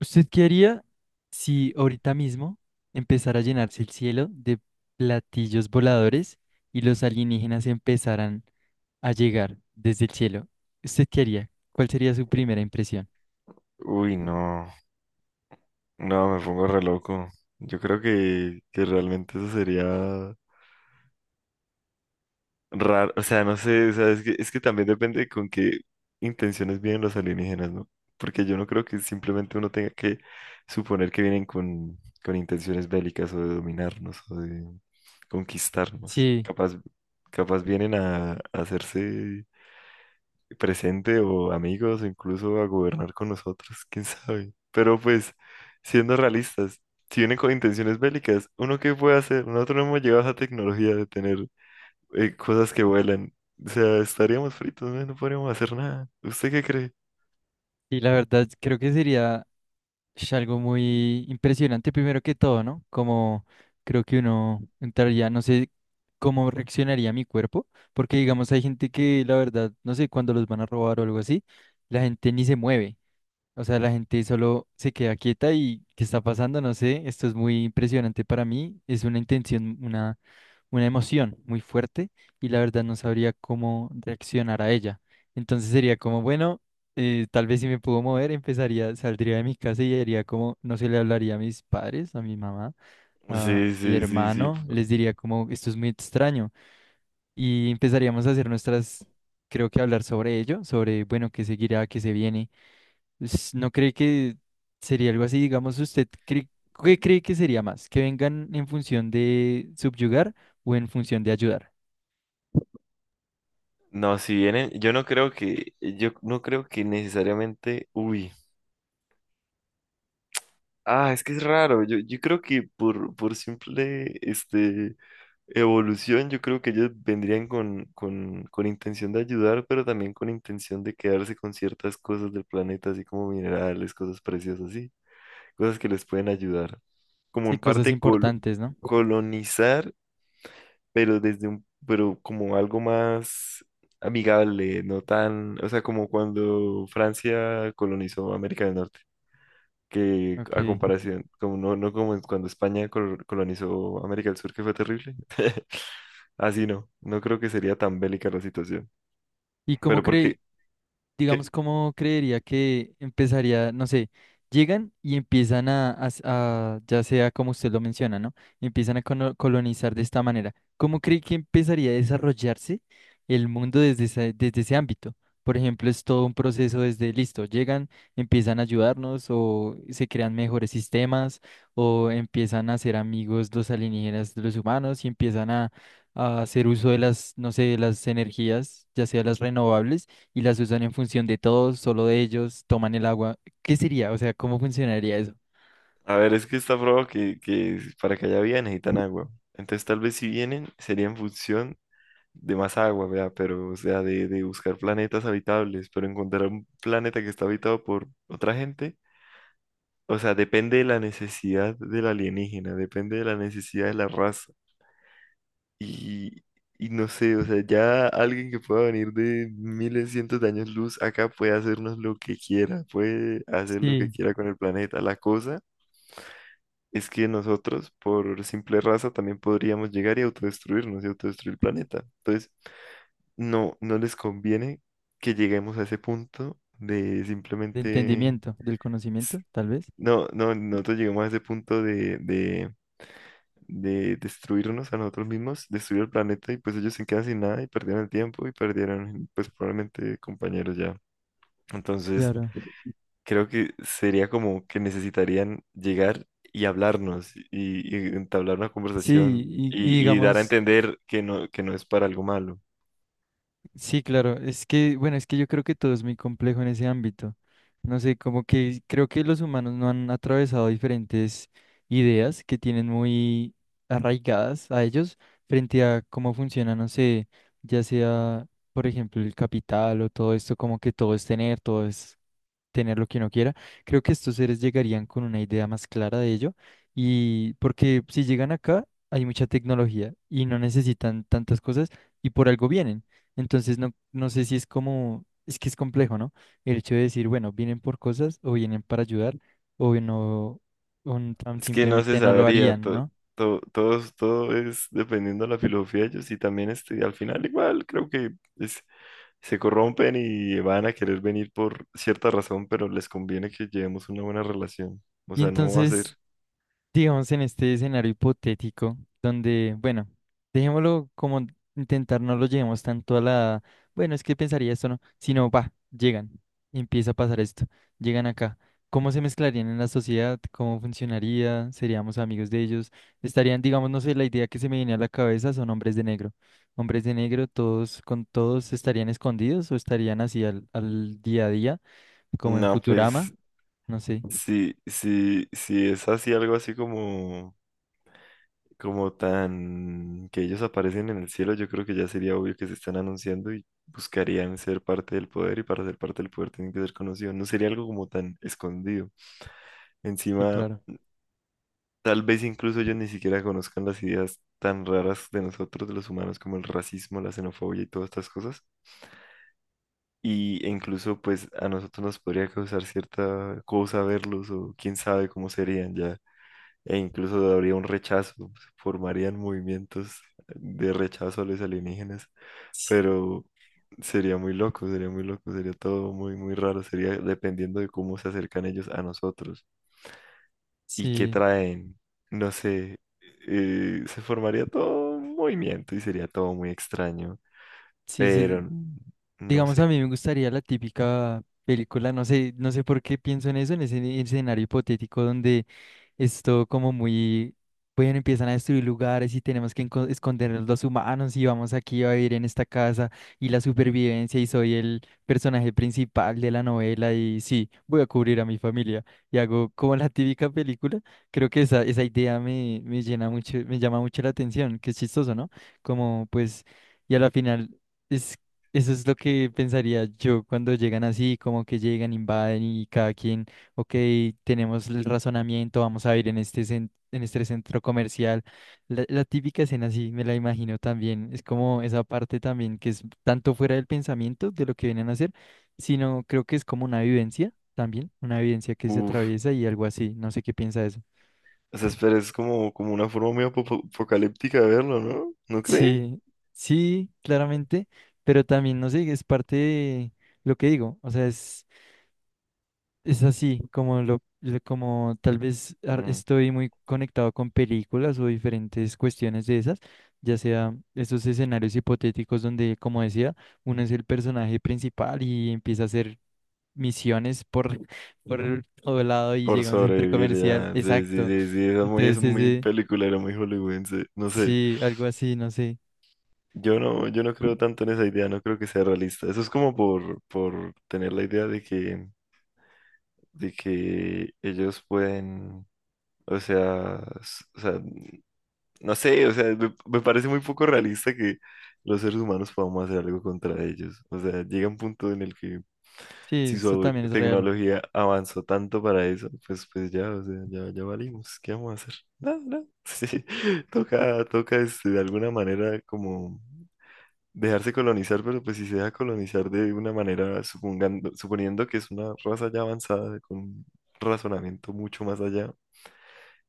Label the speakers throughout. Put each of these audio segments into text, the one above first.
Speaker 1: ¿Usted qué haría si ahorita mismo empezara a llenarse el cielo de platillos voladores y los alienígenas empezaran a llegar desde el cielo? ¿Usted qué haría? ¿Cuál sería su primera impresión?
Speaker 2: Uy, no, no, me pongo re loco. Yo creo que realmente eso sería raro, o sea, no sé, o sea, es que también depende con qué intenciones vienen los alienígenas, ¿no? Porque yo no creo que simplemente uno tenga que suponer que vienen con intenciones bélicas o de dominarnos o de conquistarnos.
Speaker 1: Sí.
Speaker 2: Capaz, capaz vienen a hacerse presente o amigos o incluso a gobernar con nosotros, quién sabe. Pero pues, siendo realistas, si vienen con intenciones bélicas, ¿uno qué puede hacer? Nosotros no hemos llegado a esa tecnología de tener cosas que vuelan. O sea, estaríamos fritos, ¿no? No podríamos hacer nada. ¿Usted qué cree?
Speaker 1: Y la verdad creo que sería algo muy impresionante primero que todo, ¿no? Como creo que uno entraría, no sé cómo reaccionaría mi cuerpo, porque digamos hay gente que la verdad, no sé, cuando los van a robar o algo así, la gente ni se mueve. O sea, la gente solo se queda quieta y ¿qué está pasando? No sé, esto es muy impresionante para mí, es una intención, una emoción muy fuerte y la verdad no sabría cómo reaccionar a ella. Entonces sería como, bueno, tal vez si me puedo mover, empezaría, saldría de mi casa y haría como, no se le hablaría a mis padres, a mi mamá, a
Speaker 2: Sí,
Speaker 1: mi
Speaker 2: sí, sí, sí.
Speaker 1: hermano, les diría como, esto es muy extraño y empezaríamos a hacer nuestras, creo que hablar sobre ello, sobre, bueno, qué seguirá, qué se viene No cree que sería algo así, digamos, usted cree, ¿qué cree que sería más? ¿Que vengan en función de subyugar o en función de ayudar?
Speaker 2: No, si vienen, yo no creo que, yo no creo que necesariamente, uy. Ah, es que es raro. Yo creo que por simple evolución, yo creo que ellos vendrían con intención de ayudar, pero también con intención de quedarse con ciertas cosas del planeta, así como minerales, cosas preciosas, así, cosas que les pueden ayudar. Como
Speaker 1: Sí,
Speaker 2: en
Speaker 1: cosas
Speaker 2: parte
Speaker 1: importantes, ¿no?
Speaker 2: colonizar, pero desde un, pero como algo más amigable, no tan, o sea, como cuando Francia colonizó América del Norte que
Speaker 1: Ok.
Speaker 2: a comparación, como no, no como cuando España colonizó América del Sur, que fue terrible. Así no, no creo que sería tan bélica la situación.
Speaker 1: ¿Y cómo
Speaker 2: Pero porque,
Speaker 1: cree, digamos,
Speaker 2: ¿qué? ¿Qué?
Speaker 1: cómo creería que empezaría, no sé, llegan y empiezan a ya sea como usted lo menciona, ¿no? Empiezan a colonizar de esta manera. ¿Cómo cree que empezaría a desarrollarse el mundo desde ese ámbito? Por ejemplo, es todo un proceso desde listo, llegan, empiezan a ayudarnos o se crean mejores sistemas o empiezan a ser amigos los alienígenas de los humanos y empiezan a hacer uso de las, no sé, de las energías, ya sea las renovables y las usan en función de todos, solo de ellos, toman el agua. ¿Qué sería? O sea, ¿cómo funcionaría eso?
Speaker 2: A ver, es que está probado que para que haya vida necesitan agua. Entonces tal vez si vienen sería en función de más agua, vea, pero o sea, de buscar planetas habitables, pero encontrar un planeta que está habitado por otra gente. O sea, depende de la necesidad del alienígena, depende de la necesidad de la raza. Y, y no sé, o sea, ya alguien que pueda venir de miles, cientos de años luz acá puede hacernos lo que quiera, puede hacer lo que
Speaker 1: Sí,
Speaker 2: quiera con el planeta. La cosa es que nosotros, por simple raza, también podríamos llegar y autodestruirnos y autodestruir el planeta. Entonces, no, no les conviene que lleguemos a ese punto de
Speaker 1: de
Speaker 2: simplemente...
Speaker 1: entendimiento, del
Speaker 2: s-
Speaker 1: conocimiento, tal vez.
Speaker 2: No, no, nosotros llegamos a ese punto de destruirnos a nosotros mismos, destruir el planeta y pues ellos se quedan sin nada y perdieron el tiempo y perdieron pues probablemente compañeros ya. Entonces
Speaker 1: Claro.
Speaker 2: creo que sería como que necesitarían llegar y hablarnos y entablar una
Speaker 1: Sí,
Speaker 2: conversación
Speaker 1: y
Speaker 2: y dar a
Speaker 1: digamos...
Speaker 2: entender que no es para algo malo.
Speaker 1: Sí, claro, es que, bueno, es que yo creo que todo es muy complejo en ese ámbito. No sé, como que creo que los humanos no han atravesado diferentes ideas que tienen muy arraigadas a ellos frente a cómo funciona, no sé, ya sea, por ejemplo, el capital o todo esto, como que todo es tener lo que uno quiera. Creo que estos seres llegarían con una idea más clara de ello y porque si llegan acá hay mucha tecnología y no necesitan tantas cosas y por algo vienen. Entonces no sé si es como, es que es complejo, ¿no? El hecho de decir, bueno, vienen por cosas o vienen para ayudar o no, o tan
Speaker 2: Es que no se
Speaker 1: simplemente no lo
Speaker 2: sabría,
Speaker 1: harían, ¿no?
Speaker 2: todo, todo es dependiendo de la filosofía de ellos y también al final igual creo que... es se corrompen y van a querer venir por cierta razón, pero les conviene que llevemos una buena relación. O
Speaker 1: Y
Speaker 2: sea, no va a ser.
Speaker 1: entonces, digamos, en este escenario hipotético, donde, bueno, dejémoslo como intentar no lo llevemos tanto a la, bueno, es que pensaría esto, ¿no? Sino, va, llegan, empieza a pasar esto, llegan acá. ¿Cómo se mezclarían en la sociedad? ¿Cómo funcionaría? ¿Seríamos amigos de ellos? Estarían, digamos, no sé, la idea que se me viene a la cabeza son hombres de negro. Hombres de negro, todos con todos estarían escondidos o estarían así al día a día, como en
Speaker 2: No, pues
Speaker 1: Futurama, no sé.
Speaker 2: si es así algo así como, como tan que ellos aparecen en el cielo, yo creo que ya sería obvio que se están anunciando y buscarían ser parte del poder y para ser parte del poder tienen que ser conocidos. No sería algo como tan escondido.
Speaker 1: Sí,
Speaker 2: Encima,
Speaker 1: claro.
Speaker 2: tal vez incluso ellos ni siquiera conozcan las ideas tan raras de nosotros, de los humanos, como el racismo, la xenofobia y todas estas cosas. Y e incluso pues a nosotros nos podría causar cierta cosa verlos o quién sabe cómo serían ya. E incluso habría un rechazo, se formarían movimientos de rechazo a los alienígenas. Pero sería muy loco, sería muy loco, sería todo muy, muy raro. Sería dependiendo de cómo se acercan ellos a nosotros y qué
Speaker 1: Sí.
Speaker 2: traen. No sé, se formaría todo un movimiento y sería todo muy extraño.
Speaker 1: Sí,
Speaker 2: Pero
Speaker 1: sí,
Speaker 2: no
Speaker 1: digamos a
Speaker 2: sé.
Speaker 1: mí me gustaría la típica película, no sé, no sé por qué pienso en eso, en ese escenario hipotético donde esto como muy, bueno, empiezan a destruir lugares y tenemos que escondernos los humanos y vamos aquí a vivir en esta casa y la supervivencia y soy el personaje principal de la novela y sí, voy a cubrir a mi familia y hago como la típica película. Creo que esa idea me llena mucho, me llama mucho la atención, que es chistoso, ¿no? Como pues, y a la final es... Eso es lo que pensaría yo cuando llegan así, como que llegan, invaden y cada quien Ok, tenemos el razonamiento, vamos a ir en este, en este centro comercial. La típica escena, sí, me la imagino también. Es como esa parte también que es tanto fuera del pensamiento de lo que vienen a hacer, sino creo que es como una vivencia también, una vivencia que se
Speaker 2: Uf.
Speaker 1: atraviesa y algo así. No sé qué piensa de eso.
Speaker 2: O sea, espera, es como, como una forma muy apocalíptica de verlo, ¿no? ¿No cree?
Speaker 1: Sí, sí, claramente, pero también, no sé, es parte de lo que digo. O sea, es. Es así, como como tal vez
Speaker 2: Mm.
Speaker 1: estoy muy conectado con películas o diferentes cuestiones de esas, ya sea esos escenarios hipotéticos donde, como decía, uno es el personaje principal y empieza a hacer misiones por, por todo lado y
Speaker 2: Por
Speaker 1: llega a un centro
Speaker 2: sobrevivir,
Speaker 1: comercial.
Speaker 2: ya. Sí, sí,
Speaker 1: Exacto.
Speaker 2: sí, sí. Es
Speaker 1: Entonces,
Speaker 2: muy
Speaker 1: ese,
Speaker 2: peliculero, muy hollywoodense. No sé.
Speaker 1: sí, algo así, no sé.
Speaker 2: Yo no, yo no creo tanto en esa idea, no creo que sea realista. Eso es como por tener la idea de que ellos pueden, o sea, o sea, no sé, o sea, me parece muy poco realista que los seres humanos podamos hacer algo contra ellos. O sea, llega un punto en el que
Speaker 1: Sí,
Speaker 2: si
Speaker 1: eso
Speaker 2: su
Speaker 1: también es real.
Speaker 2: tecnología avanzó tanto para eso, pues, pues ya, o sea, ya, ya valimos. ¿Qué vamos a hacer? No, no. Sí, toca, toca de alguna manera como dejarse colonizar, pero pues si se deja colonizar de una manera, supongando, suponiendo que es una raza ya avanzada, con un razonamiento mucho más allá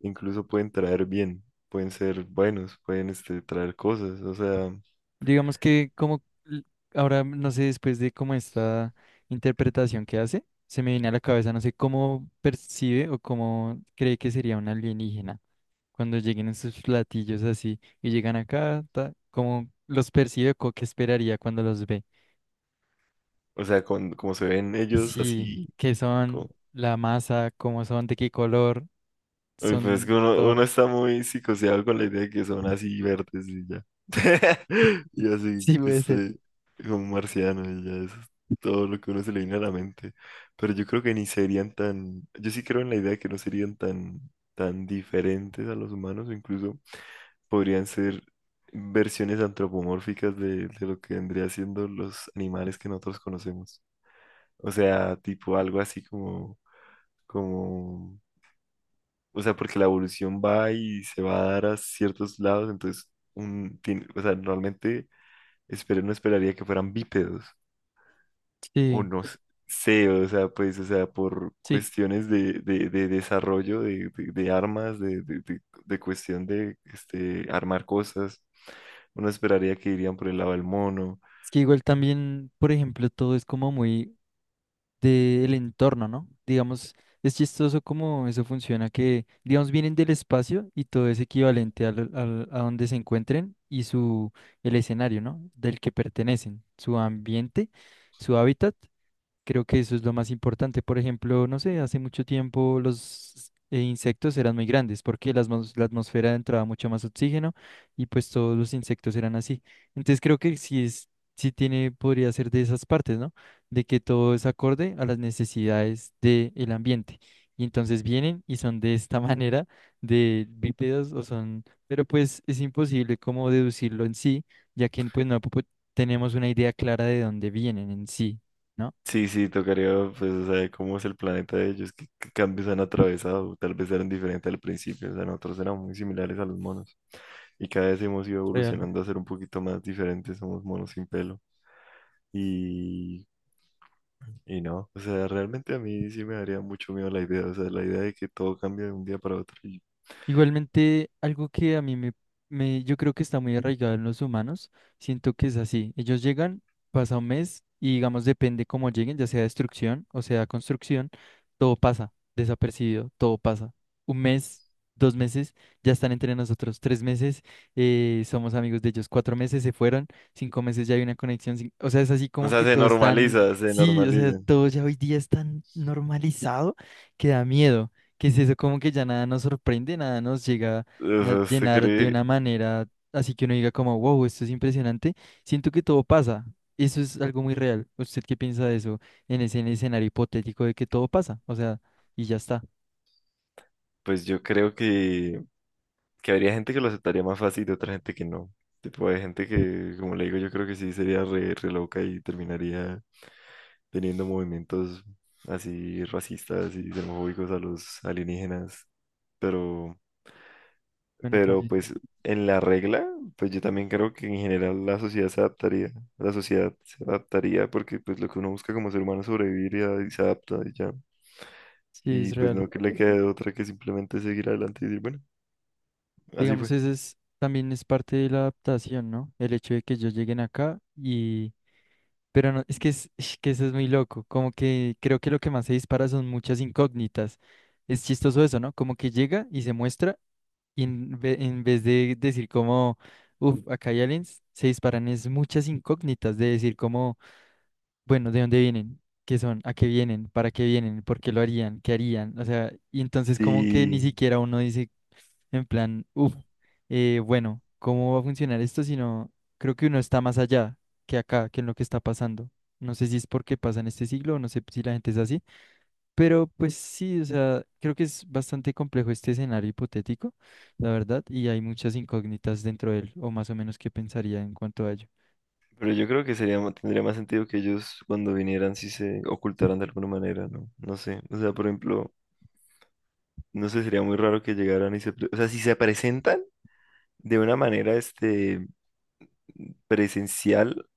Speaker 2: incluso pueden traer bien, pueden ser buenos, pueden traer cosas,
Speaker 1: Digamos que como ahora, no sé, después de como esta interpretación que hace, se me viene a la cabeza, no sé cómo percibe o cómo cree que sería un alienígena cuando lleguen esos platillos así y llegan acá, ta, cómo los percibe o qué esperaría cuando los ve.
Speaker 2: o sea, como se ven ellos
Speaker 1: Sí,
Speaker 2: así,
Speaker 1: qué
Speaker 2: como,
Speaker 1: son, la masa, cómo son, de qué color,
Speaker 2: uy, pues es
Speaker 1: son
Speaker 2: que uno, uno
Speaker 1: todo.
Speaker 2: está muy psicoseado con la idea de que son así verdes y ya, y así,
Speaker 1: Sí, puede ser.
Speaker 2: como un marciano y ya, eso es todo lo que uno se le viene a la mente, pero yo creo que ni serían tan, yo sí creo en la idea de que no serían tan, tan diferentes a los humanos, incluso podrían ser versiones antropomórficas de lo que vendría siendo los animales que nosotros conocemos. O sea, tipo algo así como, como, o sea, porque la evolución va y se va a dar a ciertos lados, entonces, un, o sea, normalmente espero, no esperaría que fueran bípedos, o
Speaker 1: Sí,
Speaker 2: no sé, o sea, pues, o sea, por
Speaker 1: sí.
Speaker 2: cuestiones de desarrollo de armas, de cuestión de armar cosas, uno esperaría que irían por el lado del mono.
Speaker 1: Es que igual también, por ejemplo, todo es como muy del entorno, ¿no? Digamos, es chistoso cómo eso funciona, que, digamos, vienen del espacio y todo es equivalente a donde se encuentren y su, el escenario, ¿no? Del que pertenecen, su ambiente, su hábitat. Creo que eso es lo más importante. Por ejemplo, no sé, hace mucho tiempo los insectos eran muy grandes porque la atmósfera entraba mucho más oxígeno y pues todos los insectos eran así. Entonces creo que sí tiene, podría ser de esas partes, ¿no? De que todo es acorde a las necesidades del ambiente. Y entonces vienen y son de esta manera de bípedos o son, pero pues es imposible como deducirlo en sí, ya que pues no po- tenemos una idea clara de dónde vienen en sí. ¿no?
Speaker 2: Sí, sí, tocaría, pues, o sea, cómo es el planeta de ellos, qué, qué cambios han atravesado, tal vez eran diferentes al principio, o sea, nosotros éramos muy similares a los monos y cada vez hemos ido
Speaker 1: Real.
Speaker 2: evolucionando a ser un poquito más diferentes, somos monos sin pelo. Y no, o sea, realmente a mí sí me daría mucho miedo la idea, o sea, la idea de que todo cambie de un día para otro.
Speaker 1: Igualmente, algo que a mí yo creo que está muy arraigado en los humanos, siento que es así. Ellos llegan, pasa un mes y digamos, depende cómo lleguen, ya sea destrucción o sea construcción, todo pasa desapercibido, todo pasa. Un mes, dos meses, ya están entre nosotros. Tres meses, somos amigos de ellos. Cuatro meses se fueron, cinco meses ya hay una conexión. O sea, es así
Speaker 2: O
Speaker 1: como
Speaker 2: sea,
Speaker 1: que
Speaker 2: se
Speaker 1: todo es tan,
Speaker 2: normaliza, se
Speaker 1: sí, o sea,
Speaker 2: normaliza.
Speaker 1: todo ya hoy día es tan normalizado que da miedo. ¿que es eso? Como que ya nada nos sorprende, nada nos llega
Speaker 2: O
Speaker 1: a
Speaker 2: sea, se
Speaker 1: llenar de
Speaker 2: cree,
Speaker 1: una manera así que uno diga como, wow, esto es impresionante. Siento que todo pasa. Eso es algo muy real. ¿Usted qué piensa de eso en ese en el escenario hipotético de que todo pasa? O sea, y ya está.
Speaker 2: pues yo creo que habría gente que lo aceptaría más fácil y otra gente que no. Tipo, hay gente que, como le digo, yo creo que sí sería re, re loca y terminaría teniendo movimientos así racistas y xenofóbicos a los alienígenas. Pero
Speaker 1: Bueno, también.
Speaker 2: pues en la regla, pues yo también creo que en general la sociedad se adaptaría, la sociedad se adaptaría porque pues lo que uno busca como ser humano es sobrevivir y, y se adapta y ya.
Speaker 1: Sí,
Speaker 2: Y
Speaker 1: es
Speaker 2: pues
Speaker 1: real.
Speaker 2: no que le quede otra que simplemente seguir adelante y decir, bueno, así
Speaker 1: Digamos,
Speaker 2: fue.
Speaker 1: eso es, también es parte de la adaptación, ¿no? El hecho de que ellos lleguen acá y... Pero no, es que, es, que eso es muy loco. Como que creo que lo que más se dispara son muchas incógnitas. Es chistoso eso, ¿no? Como que llega y se muestra. Y en vez de decir como, uff, acá hay aliens, se disparan es muchas incógnitas de decir como, bueno, ¿de dónde vienen? ¿Qué son? ¿A qué vienen? ¿Para qué vienen? ¿Por qué lo harían? ¿Qué harían? O sea, y entonces como que ni
Speaker 2: Sí,
Speaker 1: siquiera uno dice en plan, uff, bueno, ¿cómo va a funcionar esto? Sino creo que uno está más allá que acá, que en lo que está pasando. No sé si es porque pasa en este siglo o no sé si la gente es así. Pero pues sí, o sea, creo que es bastante complejo este escenario hipotético, la verdad, y hay muchas incógnitas dentro de él, o más o menos qué pensaría en cuanto a ello.
Speaker 2: pero yo creo que sería, tendría más sentido que ellos cuando vinieran si se ocultaran de alguna manera, ¿no? No sé, o sea, por ejemplo, no sé, sería muy raro que llegaran y se, o sea, si se presentan de una manera, presencial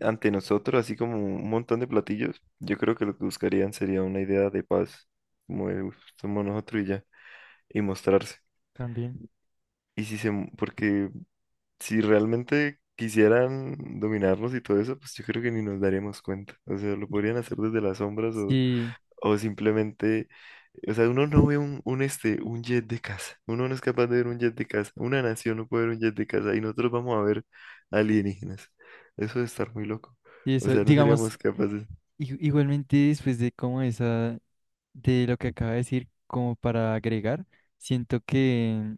Speaker 2: ante nosotros, así como un montón de platillos, yo creo que lo que buscarían sería una idea de paz, como de, "Uf, somos nosotros y ya, y mostrarse".
Speaker 1: También.
Speaker 2: Y si se, porque si realmente quisieran dominarnos y todo eso, pues yo creo que ni nos daríamos cuenta. O sea, lo podrían hacer desde las sombras
Speaker 1: Sí,
Speaker 2: o simplemente, o sea, uno no ve un, un jet de casa. Uno no es capaz de ver un jet de casa. Una nación no puede ver un jet de casa y nosotros vamos a ver alienígenas. Eso de estar muy loco.
Speaker 1: y
Speaker 2: O
Speaker 1: eso,
Speaker 2: sea, no
Speaker 1: digamos,
Speaker 2: seríamos capaces.
Speaker 1: igualmente después de como esa, de lo que acaba de decir, como para agregar, siento que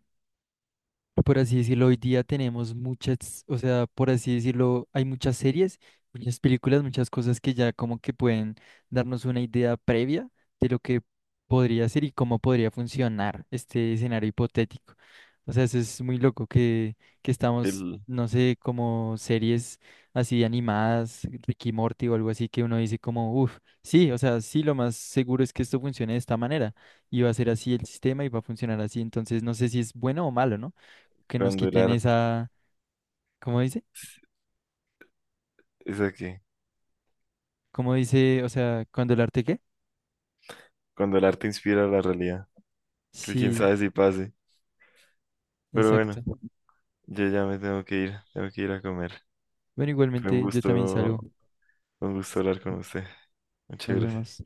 Speaker 1: por así decirlo, hoy día tenemos muchas, o sea, por así decirlo, hay muchas series, muchas películas, muchas cosas que ya como que pueden darnos una idea previa de lo que podría ser y cómo podría funcionar este escenario hipotético. O sea, eso es muy loco que
Speaker 2: que
Speaker 1: estamos,
Speaker 2: el-
Speaker 1: no sé, como series así animadas, Ricky Morty o algo así, que uno dice como, uff, sí, o sea, sí, lo más seguro es que esto funcione de esta manera y va a ser así el sistema y va a funcionar así. Entonces, no sé si es bueno o malo, ¿no? que nos
Speaker 2: Cuando el
Speaker 1: quiten
Speaker 2: arte
Speaker 1: esa, ¿cómo dice?
Speaker 2: es aquí,
Speaker 1: ¿Cómo dice? O sea, ¿cuando el arte qué?
Speaker 2: cuando el arte inspira la realidad, que quién
Speaker 1: Sí,
Speaker 2: sabe si pase. Pero bueno,
Speaker 1: exacto.
Speaker 2: yo ya me tengo que ir a comer.
Speaker 1: Bueno,
Speaker 2: Fue
Speaker 1: igualmente yo también salgo.
Speaker 2: un gusto hablar con usted. Muchas
Speaker 1: Nos
Speaker 2: gracias.
Speaker 1: vemos.